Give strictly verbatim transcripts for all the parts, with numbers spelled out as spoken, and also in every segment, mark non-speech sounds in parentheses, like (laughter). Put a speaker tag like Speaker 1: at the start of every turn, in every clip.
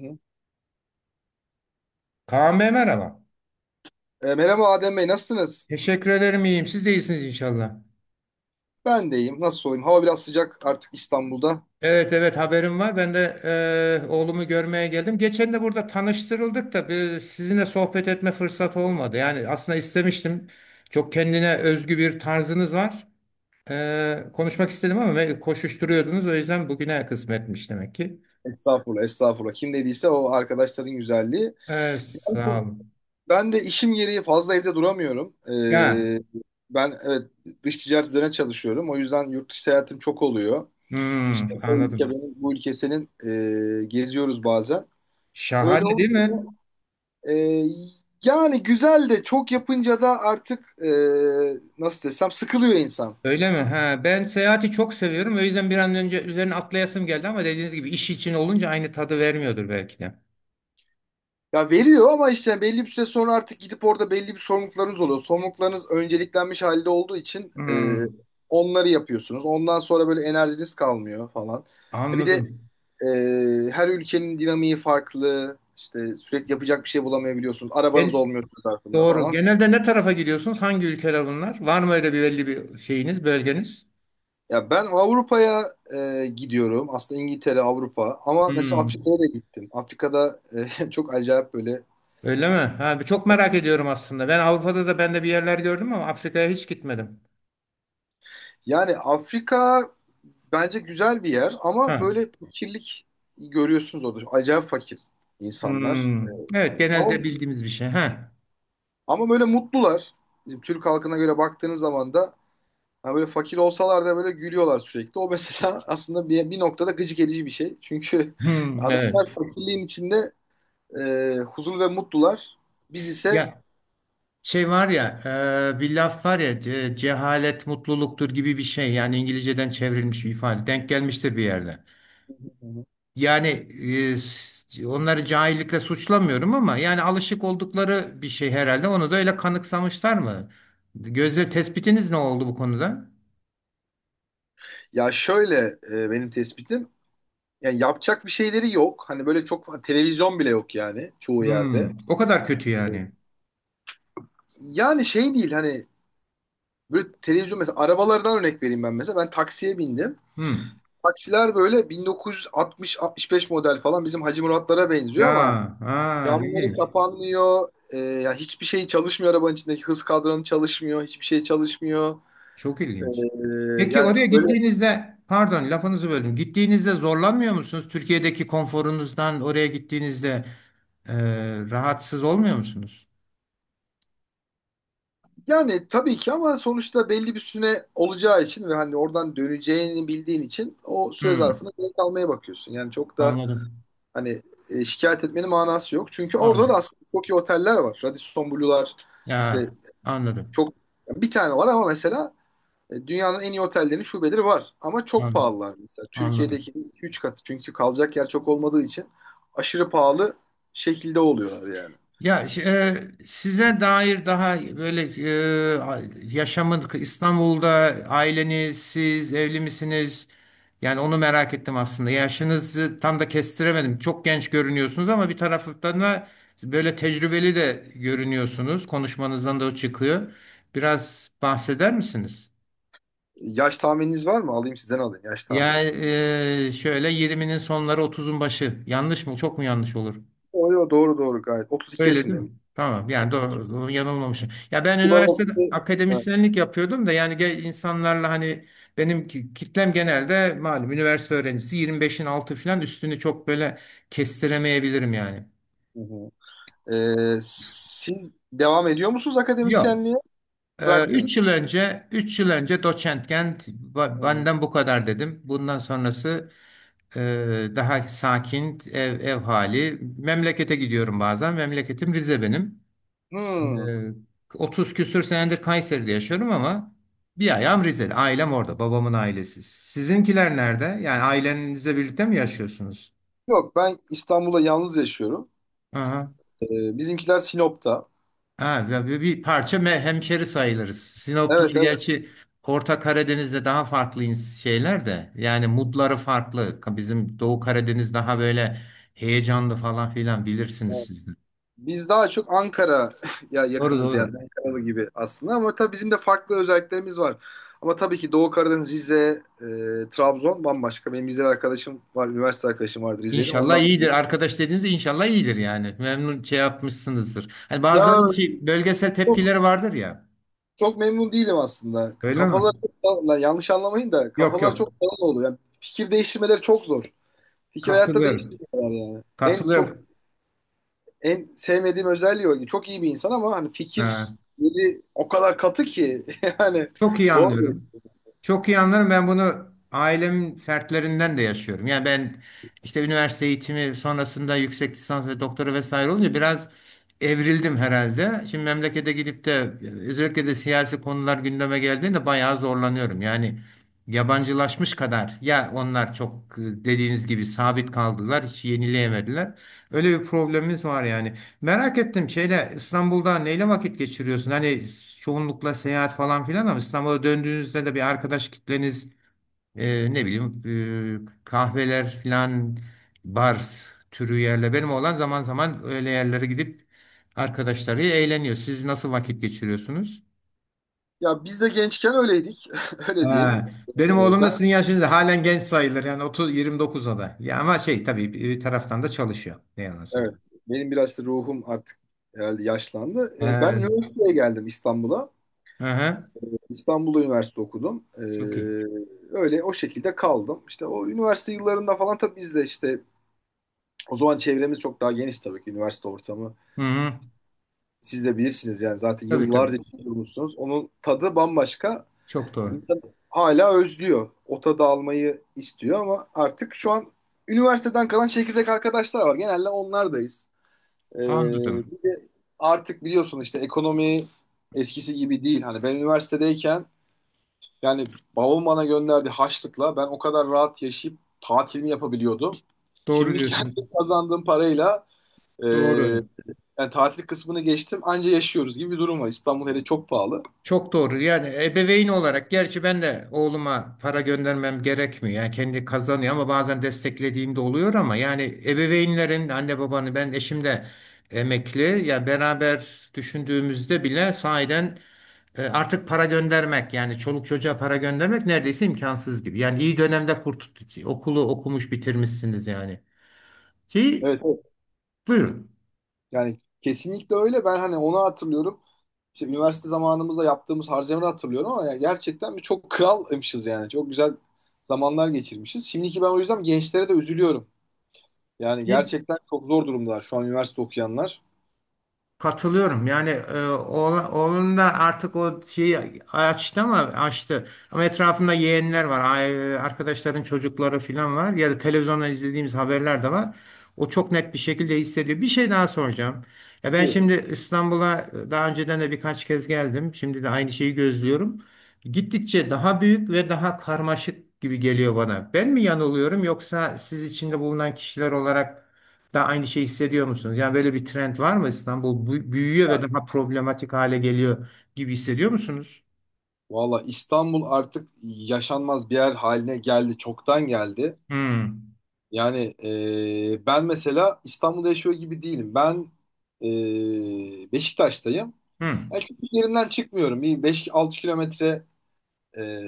Speaker 1: Hı.
Speaker 2: Kaan Bey merhaba.
Speaker 1: E, merhaba Adem Bey, nasılsınız?
Speaker 2: Teşekkür ederim iyiyim. Siz de iyisiniz inşallah.
Speaker 1: Ben de iyiyim. Nasıl olayım? Hava biraz sıcak artık İstanbul'da.
Speaker 2: Evet evet haberim var. Ben de e, oğlumu görmeye geldim. Geçen de burada tanıştırıldık da bir, sizinle sohbet etme fırsatı olmadı. Yani aslında istemiştim. Çok kendine özgü bir tarzınız var. E, konuşmak istedim ama ve koşuşturuyordunuz. O yüzden bugüne kısmetmiş demek ki.
Speaker 1: Estağfurullah, estağfurullah. Kim dediyse o arkadaşların güzelliği.
Speaker 2: E, sağ
Speaker 1: Yani
Speaker 2: olun.
Speaker 1: ben de işim gereği fazla evde duramıyorum.
Speaker 2: Ya,
Speaker 1: E, ben evet dış ticaret üzerine çalışıyorum. O yüzden yurt dışı seyahatim çok oluyor. İşte
Speaker 2: hmm,
Speaker 1: o ülke
Speaker 2: anladım.
Speaker 1: benim, bu ülke senin, e, geziyoruz bazen. Öyle
Speaker 2: Şahane değil
Speaker 1: olunca
Speaker 2: mi?
Speaker 1: da, e, yani güzel de çok yapınca da artık, e, nasıl desem, sıkılıyor insan.
Speaker 2: Öyle mi? Ha, ben seyahati çok seviyorum. O yüzden bir an önce üzerine atlayasım geldi ama dediğiniz gibi iş için olunca aynı tadı vermiyordur belki de.
Speaker 1: Ya veriyor ama işte belli bir süre sonra artık gidip orada belli bir sorumluluklarınız oluyor. Sorumluluklarınız önceliklenmiş halde olduğu için e,
Speaker 2: Hmm,
Speaker 1: onları yapıyorsunuz. Ondan sonra böyle enerjiniz kalmıyor falan. E Bir de
Speaker 2: anladım.
Speaker 1: e, her ülkenin dinamiği farklı. İşte sürekli yapacak bir şey bulamayabiliyorsunuz. Arabanız
Speaker 2: Gen
Speaker 1: olmuyor zarfında
Speaker 2: doğru.
Speaker 1: falan.
Speaker 2: Genelde ne tarafa gidiyorsunuz? Hangi ülkeler bunlar? Var mı öyle bir belli bir şeyiniz, bölgeniz?
Speaker 1: Ya ben Avrupa'ya e, gidiyorum. Aslında İngiltere, Avrupa. Ama mesela
Speaker 2: Hmm.
Speaker 1: Afrika'ya da gittim. Afrika'da e, (laughs) çok acayip böyle.
Speaker 2: Öyle mi? Ha, çok merak ediyorum aslında. Ben Avrupa'da da ben de bir yerler gördüm ama Afrika'ya hiç gitmedim.
Speaker 1: Yani Afrika bence güzel bir yer ama
Speaker 2: Ha.
Speaker 1: böyle fakirlik görüyorsunuz orada. Acayip fakir insanlar.
Speaker 2: Hmm. Evet,
Speaker 1: Ama,
Speaker 2: genelde bildiğimiz bir şey. Ha.
Speaker 1: ama böyle mutlular. Bizim Türk halkına göre baktığınız zaman da yani böyle fakir olsalar da böyle gülüyorlar sürekli. O mesela (laughs) aslında bir, bir noktada gıcık edici bir şey. Çünkü (laughs)
Speaker 2: Hmm. Evet.
Speaker 1: adamlar fakirliğin içinde e, huzur ve mutlular. Biz ise
Speaker 2: Ya, şey var ya, e, bir laf var ya, ce- cehalet mutluluktur gibi bir şey. Yani İngilizceden çevrilmiş bir ifade. Denk gelmiştir bir yerde. Yani e, s- onları cahillikle suçlamıyorum ama yani alışık oldukları bir şey herhalde. Onu da öyle kanıksamışlar mı? Gözle tespitiniz ne oldu bu konuda?
Speaker 1: ya şöyle, e, benim tespitim yani yapacak bir şeyleri yok. Hani böyle çok televizyon bile yok yani çoğu yerde.
Speaker 2: Hmm, o kadar kötü yani.
Speaker 1: Yani şey değil hani böyle televizyon, mesela arabalardan örnek vereyim ben mesela. Ben taksiye bindim.
Speaker 2: Hmm.
Speaker 1: Taksiler böyle bin dokuz yüz altmış-altmış beş model falan bizim Hacı Muratlara benziyor ama
Speaker 2: Ya, ha,
Speaker 1: camları
Speaker 2: ilginç.
Speaker 1: kapanmıyor. Ee, ya hiçbir şey çalışmıyor, arabanın içindeki hız kadranı çalışmıyor. Hiçbir şey çalışmıyor.
Speaker 2: Çok
Speaker 1: Ee,
Speaker 2: ilginç. Peki
Speaker 1: yani
Speaker 2: oraya
Speaker 1: böyle,
Speaker 2: gittiğinizde, pardon lafınızı böldüm. Gittiğinizde zorlanmıyor musunuz? Türkiye'deki konforunuzdan oraya gittiğinizde e, rahatsız olmuyor musunuz?
Speaker 1: yani tabii ki, ama sonuçta belli bir süre olacağı için ve hani oradan döneceğini bildiğin için o süre
Speaker 2: Hmm,
Speaker 1: zarfında kalmaya bakıyorsun. Yani çok da,
Speaker 2: anladım.
Speaker 1: hani, e, şikayet etmenin manası yok. Çünkü orada da
Speaker 2: Anladım.
Speaker 1: aslında çok iyi oteller var. Radisson Blu'lar işte,
Speaker 2: Ya, anladım.
Speaker 1: çok bir tane var ama mesela, e, dünyanın en iyi otellerinin şubeleri var. Ama çok
Speaker 2: Anladım.
Speaker 1: pahalılar mesela.
Speaker 2: Anladım.
Speaker 1: Türkiye'deki iki üç katı. Çünkü kalacak yer çok olmadığı için aşırı pahalı şekilde oluyorlar yani.
Speaker 2: Ya ş- e, Size dair daha böyle e, a- yaşamın İstanbul'da aileniz, siz evli misiniz? Yani onu merak ettim aslında. Yaşınızı tam da kestiremedim. Çok genç görünüyorsunuz ama bir taraftan da böyle tecrübeli de görünüyorsunuz. Konuşmanızdan da o çıkıyor. Biraz bahseder misiniz?
Speaker 1: Yaş tahmininiz var mı? Alayım sizden, alayım yaş tahmini.
Speaker 2: Yani e, şöyle yirminin sonları otuzun başı. Yanlış mı? Çok mu yanlış olur?
Speaker 1: O yo, doğru doğru gayet. otuz iki
Speaker 2: Öyle değil mi?
Speaker 1: yaşındayım.
Speaker 2: Tamam yani doğru, doğru, yanılmamışım. Ya ben
Speaker 1: Kibar
Speaker 2: üniversitede
Speaker 1: okudu. Evet.
Speaker 2: akademisyenlik yapıyordum da yani ge- insanlarla hani benim ki- kitlem genelde malum üniversite öğrencisi yirmi beşin altı falan üstünü çok böyle kestiremeyebilirim yani.
Speaker 1: Hı hı. Ee, siz devam ediyor musunuz
Speaker 2: Yok.
Speaker 1: akademisyenliğe?
Speaker 2: Ee,
Speaker 1: Bıraktınız.
Speaker 2: 3 yıl önce üç yıl önce doçentken ba-
Speaker 1: Hı hı.
Speaker 2: benden bu kadar dedim. Bundan sonrası e, daha sakin ev, ev hali. Memlekete gidiyorum bazen. Memleketim Rize benim. Ee,
Speaker 1: Hmm.
Speaker 2: otuz küsür senedir Kayseri'de yaşıyorum ama bir ayağım Rize'de. Ailem orada. Babamın ailesi. Sizinkiler nerede? Yani ailenizle birlikte mi yaşıyorsunuz?
Speaker 1: Yok, ben İstanbul'da yalnız yaşıyorum.
Speaker 2: Aha.
Speaker 1: Ee, bizimkiler Sinop'ta.
Speaker 2: Ha, ya bir, bir parça me- hemşeri sayılırız. Sinoplular
Speaker 1: Evet evet.
Speaker 2: gerçi Orta Karadeniz'de daha farklı ins- şeyler de. Yani mutları farklı. Ka- Bizim Doğu Karadeniz daha böyle heyecanlı falan filan bilirsiniz
Speaker 1: Evet.
Speaker 2: siz de.
Speaker 1: Biz daha çok Ankara (laughs) ya
Speaker 2: Doğru
Speaker 1: yakınız yani,
Speaker 2: doğru.
Speaker 1: Ankaralı gibi aslında, ama tabii bizim de farklı özelliklerimiz var. Ama tabii ki Doğu Karadeniz, Rize, e, Trabzon bambaşka. Benim Rize'li arkadaşım var, üniversite arkadaşım vardı Rize'li.
Speaker 2: İnşallah
Speaker 1: Ondan
Speaker 2: iyidir. Arkadaş dediğinizde inşallah iyidir yani. Memnun şey yapmışsınızdır. Hani
Speaker 1: ya
Speaker 2: bazılarının ki bölgesel
Speaker 1: çok,
Speaker 2: tepkileri vardır ya.
Speaker 1: çok memnun değilim aslında.
Speaker 2: Öyle mi?
Speaker 1: Kafaları çok, dağ- lan yanlış anlamayın da,
Speaker 2: Yok
Speaker 1: kafalar
Speaker 2: yok.
Speaker 1: çok dağınık oluyor. Yani fikir değiştirmeleri çok zor. Fikir hayatta
Speaker 2: Katılıyorum.
Speaker 1: değiştirmiyorlar yani. En çok
Speaker 2: Katılıyorum.
Speaker 1: En sevmediğim özelliği o. Çok iyi bir insan ama hani
Speaker 2: Ha,
Speaker 1: fikirleri o kadar katı ki (laughs) yani
Speaker 2: çok iyi
Speaker 1: zor değil.
Speaker 2: anlıyorum. Çok iyi anlarım. Ben bunu ailemin fertlerinden de yaşıyorum. Yani ben işte üniversite eğitimi sonrasında yüksek lisans ve doktora vesaire olunca biraz evrildim herhalde. Şimdi memlekete gidip de özellikle de siyasi konular gündeme geldiğinde bayağı zorlanıyorum. Yani yabancılaşmış kadar ya onlar çok e, dediğiniz gibi sabit kaldılar, hiç yenileyemediler. Öyle bir problemimiz var yani. Merak ettim şeyle İstanbul'da neyle vakit geçiriyorsun? Hani çoğunlukla seyahat falan filan ama İstanbul'a döndüğünüzde de bir arkadaş kitleniz e, ne bileyim e, kahveler filan bar türü yerle benim olan zaman zaman öyle yerlere gidip arkadaşlarıyla eğleniyor. Siz nasıl vakit geçiriyorsunuz?
Speaker 1: Ya biz de gençken öyleydik. (laughs) Öyle diyelim.
Speaker 2: Ha, benim
Speaker 1: Ee,
Speaker 2: oğlum
Speaker 1: ben
Speaker 2: da sizin yaşınızda halen genç sayılır yani 30 yirmi dokuza da. Ya ama şey tabii bir bir taraftan da çalışıyor. Ne yalan
Speaker 1: evet
Speaker 2: söyleyeyim.
Speaker 1: benim biraz da ruhum artık herhalde yaşlandı. Ee, ben
Speaker 2: Ha,
Speaker 1: üniversiteye geldim İstanbul'a.
Speaker 2: aha,
Speaker 1: İstanbul'da üniversite okudum. Ee,
Speaker 2: çok iyi.
Speaker 1: öyle o şekilde kaldım. İşte o üniversite yıllarında falan tabii biz de işte o zaman çevremiz çok daha geniş, tabii ki üniversite ortamı.
Speaker 2: Hı hı.
Speaker 1: Siz de bilirsiniz yani, zaten
Speaker 2: Tabii tabii.
Speaker 1: yıllarca durmuşsunuz. Onun tadı bambaşka.
Speaker 2: Çok doğru.
Speaker 1: İnsan hala özlüyor. O tadı almayı istiyor ama artık şu an üniversiteden kalan çekirdek arkadaşlar var. Genelde onlardayız. Ee,
Speaker 2: Anladım.
Speaker 1: bir de artık biliyorsun işte ekonomi eskisi gibi değil. Hani ben üniversitedeyken yani babam bana gönderdi harçlıkla ben o kadar rahat yaşayıp tatilimi yapabiliyordum.
Speaker 2: Doğru
Speaker 1: Şimdi kendi (laughs)
Speaker 2: diyorsun.
Speaker 1: kazandığım parayla, e,
Speaker 2: Doğru.
Speaker 1: yani tatil kısmını geçtim, anca yaşıyoruz gibi bir durum var. İstanbul hele çok pahalı.
Speaker 2: Çok doğru. Yani ebeveyn olarak gerçi ben de oğluma para göndermem gerekmiyor. Yani kendi kazanıyor ama bazen desteklediğim de oluyor ama yani ebeveynlerin anne babanı ben eşim de emekli. Yani beraber düşündüğümüzde bile sahiden e, artık para göndermek yani çoluk çocuğa para göndermek neredeyse imkansız gibi. Yani iyi dönemde kurtuldu. Okulu okumuş bitirmişsiniz yani. Ki
Speaker 1: Evet, evet.
Speaker 2: buyurun.
Speaker 1: Yani kesinlikle öyle. Ben hani onu hatırlıyorum. İşte üniversite zamanımızda yaptığımız harcamaları hatırlıyorum ama yani gerçekten bir çok kralmışız yani. Çok güzel zamanlar geçirmişiz. Şimdiki, ben o yüzden gençlere de üzülüyorum. Yani gerçekten çok zor durumdalar şu an üniversite okuyanlar.
Speaker 2: Katılıyorum. Yani e, oğla- oğlum da artık o şeyi açtı ama açtı. Ama etrafında yeğenler var. ay- Arkadaşların çocukları falan var. Ya da televizyondan izlediğimiz haberler de var. O çok net bir şekilde hissediyor. Bir şey daha soracağım. Ya ben
Speaker 1: Evet.
Speaker 2: şimdi İstanbul'a e, daha önceden de birkaç kez geldim. Şimdi de aynı şeyi gözlüyorum. Gittikçe daha büyük ve daha karmaşık gibi geliyor bana. Ben mi yanılıyorum yoksa siz içinde bulunan kişiler olarak da aynı şey hissediyor musunuz? Yani böyle bir trend var mı İstanbul bu- büyüyor ve
Speaker 1: Yani,
Speaker 2: daha problematik hale geliyor gibi hissediyor musunuz?
Speaker 1: valla İstanbul artık yaşanmaz bir yer haline geldi. Çoktan geldi.
Speaker 2: Hmm.
Speaker 1: Yani, e, ben mesela İstanbul'da yaşıyor gibi değilim. Ben, e, Beşiktaş'tayım. Yani
Speaker 2: Hmm.
Speaker 1: çünkü yerimden çıkmıyorum. Bir beş altı kilometre e,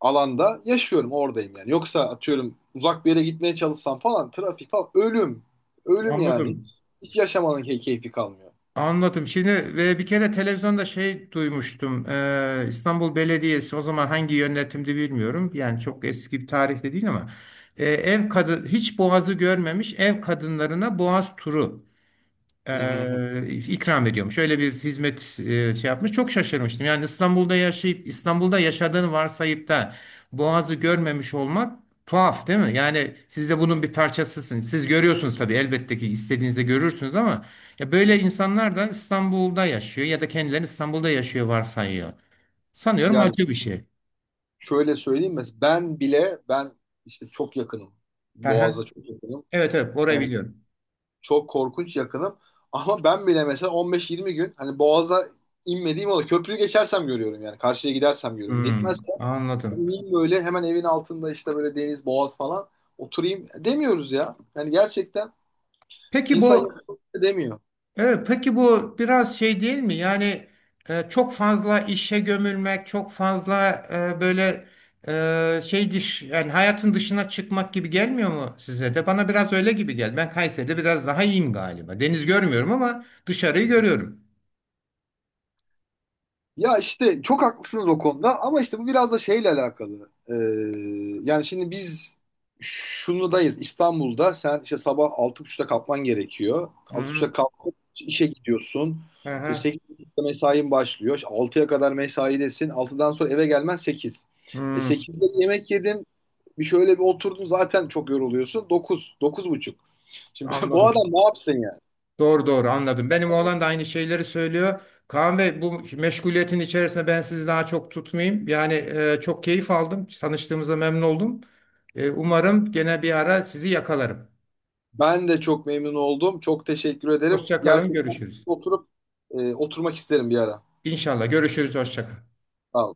Speaker 1: alanda yaşıyorum, oradayım yani. Yoksa atıyorum uzak bir yere gitmeye çalışsam falan, trafik falan ölüm. Ölüm yani. Hiç,
Speaker 2: Anladım.
Speaker 1: hiç yaşamanın key- keyfi kalmıyor.
Speaker 2: Anladım. Şimdi ve bir kere televizyonda şey duymuştum. Ee, İstanbul Belediyesi o zaman hangi yönetimdi bilmiyorum. Yani çok eski bir tarihte değil ama e, ev kadın hiç boğazı görmemiş ev kadınlarına boğaz turu
Speaker 1: Hı hı hı.
Speaker 2: e, ikram ediyormuş. Öyle bir hizmet e, şey yapmış. Çok şaşırmıştım. Yani İstanbul'da yaşayıp İstanbul'da yaşadığını varsayıp da Boğaz'ı görmemiş olmak tuhaf değil mi? Yani siz de bunun bir parçasısınız. Siz görüyorsunuz tabii elbette ki istediğinizde görürsünüz ama ya böyle insanlar da İstanbul'da yaşıyor ya da kendilerini İstanbul'da yaşıyor varsayıyor. Sanıyorum
Speaker 1: Yani
Speaker 2: acı bir şey.
Speaker 1: şöyle söyleyeyim, mesela ben bile, ben işte çok yakınım.
Speaker 2: Aha.
Speaker 1: Boğaz'a çok yakınım.
Speaker 2: Evet evet orayı
Speaker 1: Yani
Speaker 2: biliyorum.
Speaker 1: çok korkunç yakınım. Ama ben bile mesela on beş yirmi gün hani Boğaz'a inmediğim oluyor. Köprüyü geçersem görüyorum yani. Karşıya gidersem görüyorum.
Speaker 2: Hmm,
Speaker 1: Gitmez.
Speaker 2: anladım.
Speaker 1: Oturayım böyle hemen evin altında işte böyle deniz, boğaz falan, oturayım demiyoruz ya. Yani gerçekten
Speaker 2: Peki
Speaker 1: insan
Speaker 2: bu
Speaker 1: yapmak demiyor.
Speaker 2: Evet, peki bu biraz şey değil mi? Yani e, çok fazla işe gömülmek, çok fazla e, böyle e, şey dış yani hayatın dışına çıkmak gibi gelmiyor mu size de? Bana biraz öyle gibi geldi. Ben Kayseri'de biraz daha iyiyim galiba. Deniz görmüyorum ama dışarıyı
Speaker 1: Hı hı.
Speaker 2: görüyorum.
Speaker 1: Ya işte çok haklısınız o konuda ama işte bu biraz da şeyle alakalı. Ee, yani şimdi biz şunudayız, İstanbul'da sen işte sabah altı buçukta kalkman gerekiyor.
Speaker 2: Hı
Speaker 1: Altı buçukta
Speaker 2: hı.
Speaker 1: kalkıp işe gidiyorsun.
Speaker 2: Hı
Speaker 1: İşte
Speaker 2: hı.
Speaker 1: sekiz buçukta mesain başlıyor. İşte altıya kadar mesaidesin. Altıdan sonra eve gelmen sekiz. E
Speaker 2: Hı,
Speaker 1: sekizde yemek yedin. Bir şöyle bir oturdun, zaten çok yoruluyorsun. Dokuz, dokuz buçuk. Şimdi (laughs) bu adam
Speaker 2: anladım.
Speaker 1: ne yapsın?
Speaker 2: Doğru doğru anladım. Benim oğlan da aynı şeyleri söylüyor. Kaan Bey bu meşguliyetin içerisinde ben sizi daha çok tutmayayım. Yani e, çok keyif aldım. Tanıştığımıza memnun oldum. E, umarım gene bir ara sizi yakalarım.
Speaker 1: Ben de çok memnun oldum. Çok teşekkür ederim.
Speaker 2: Hoşça kalın,
Speaker 1: Gerçekten
Speaker 2: görüşürüz.
Speaker 1: oturup, e, oturmak isterim bir ara.
Speaker 2: İnşallah görüşürüz, hoşça kalın.
Speaker 1: Sağ ol.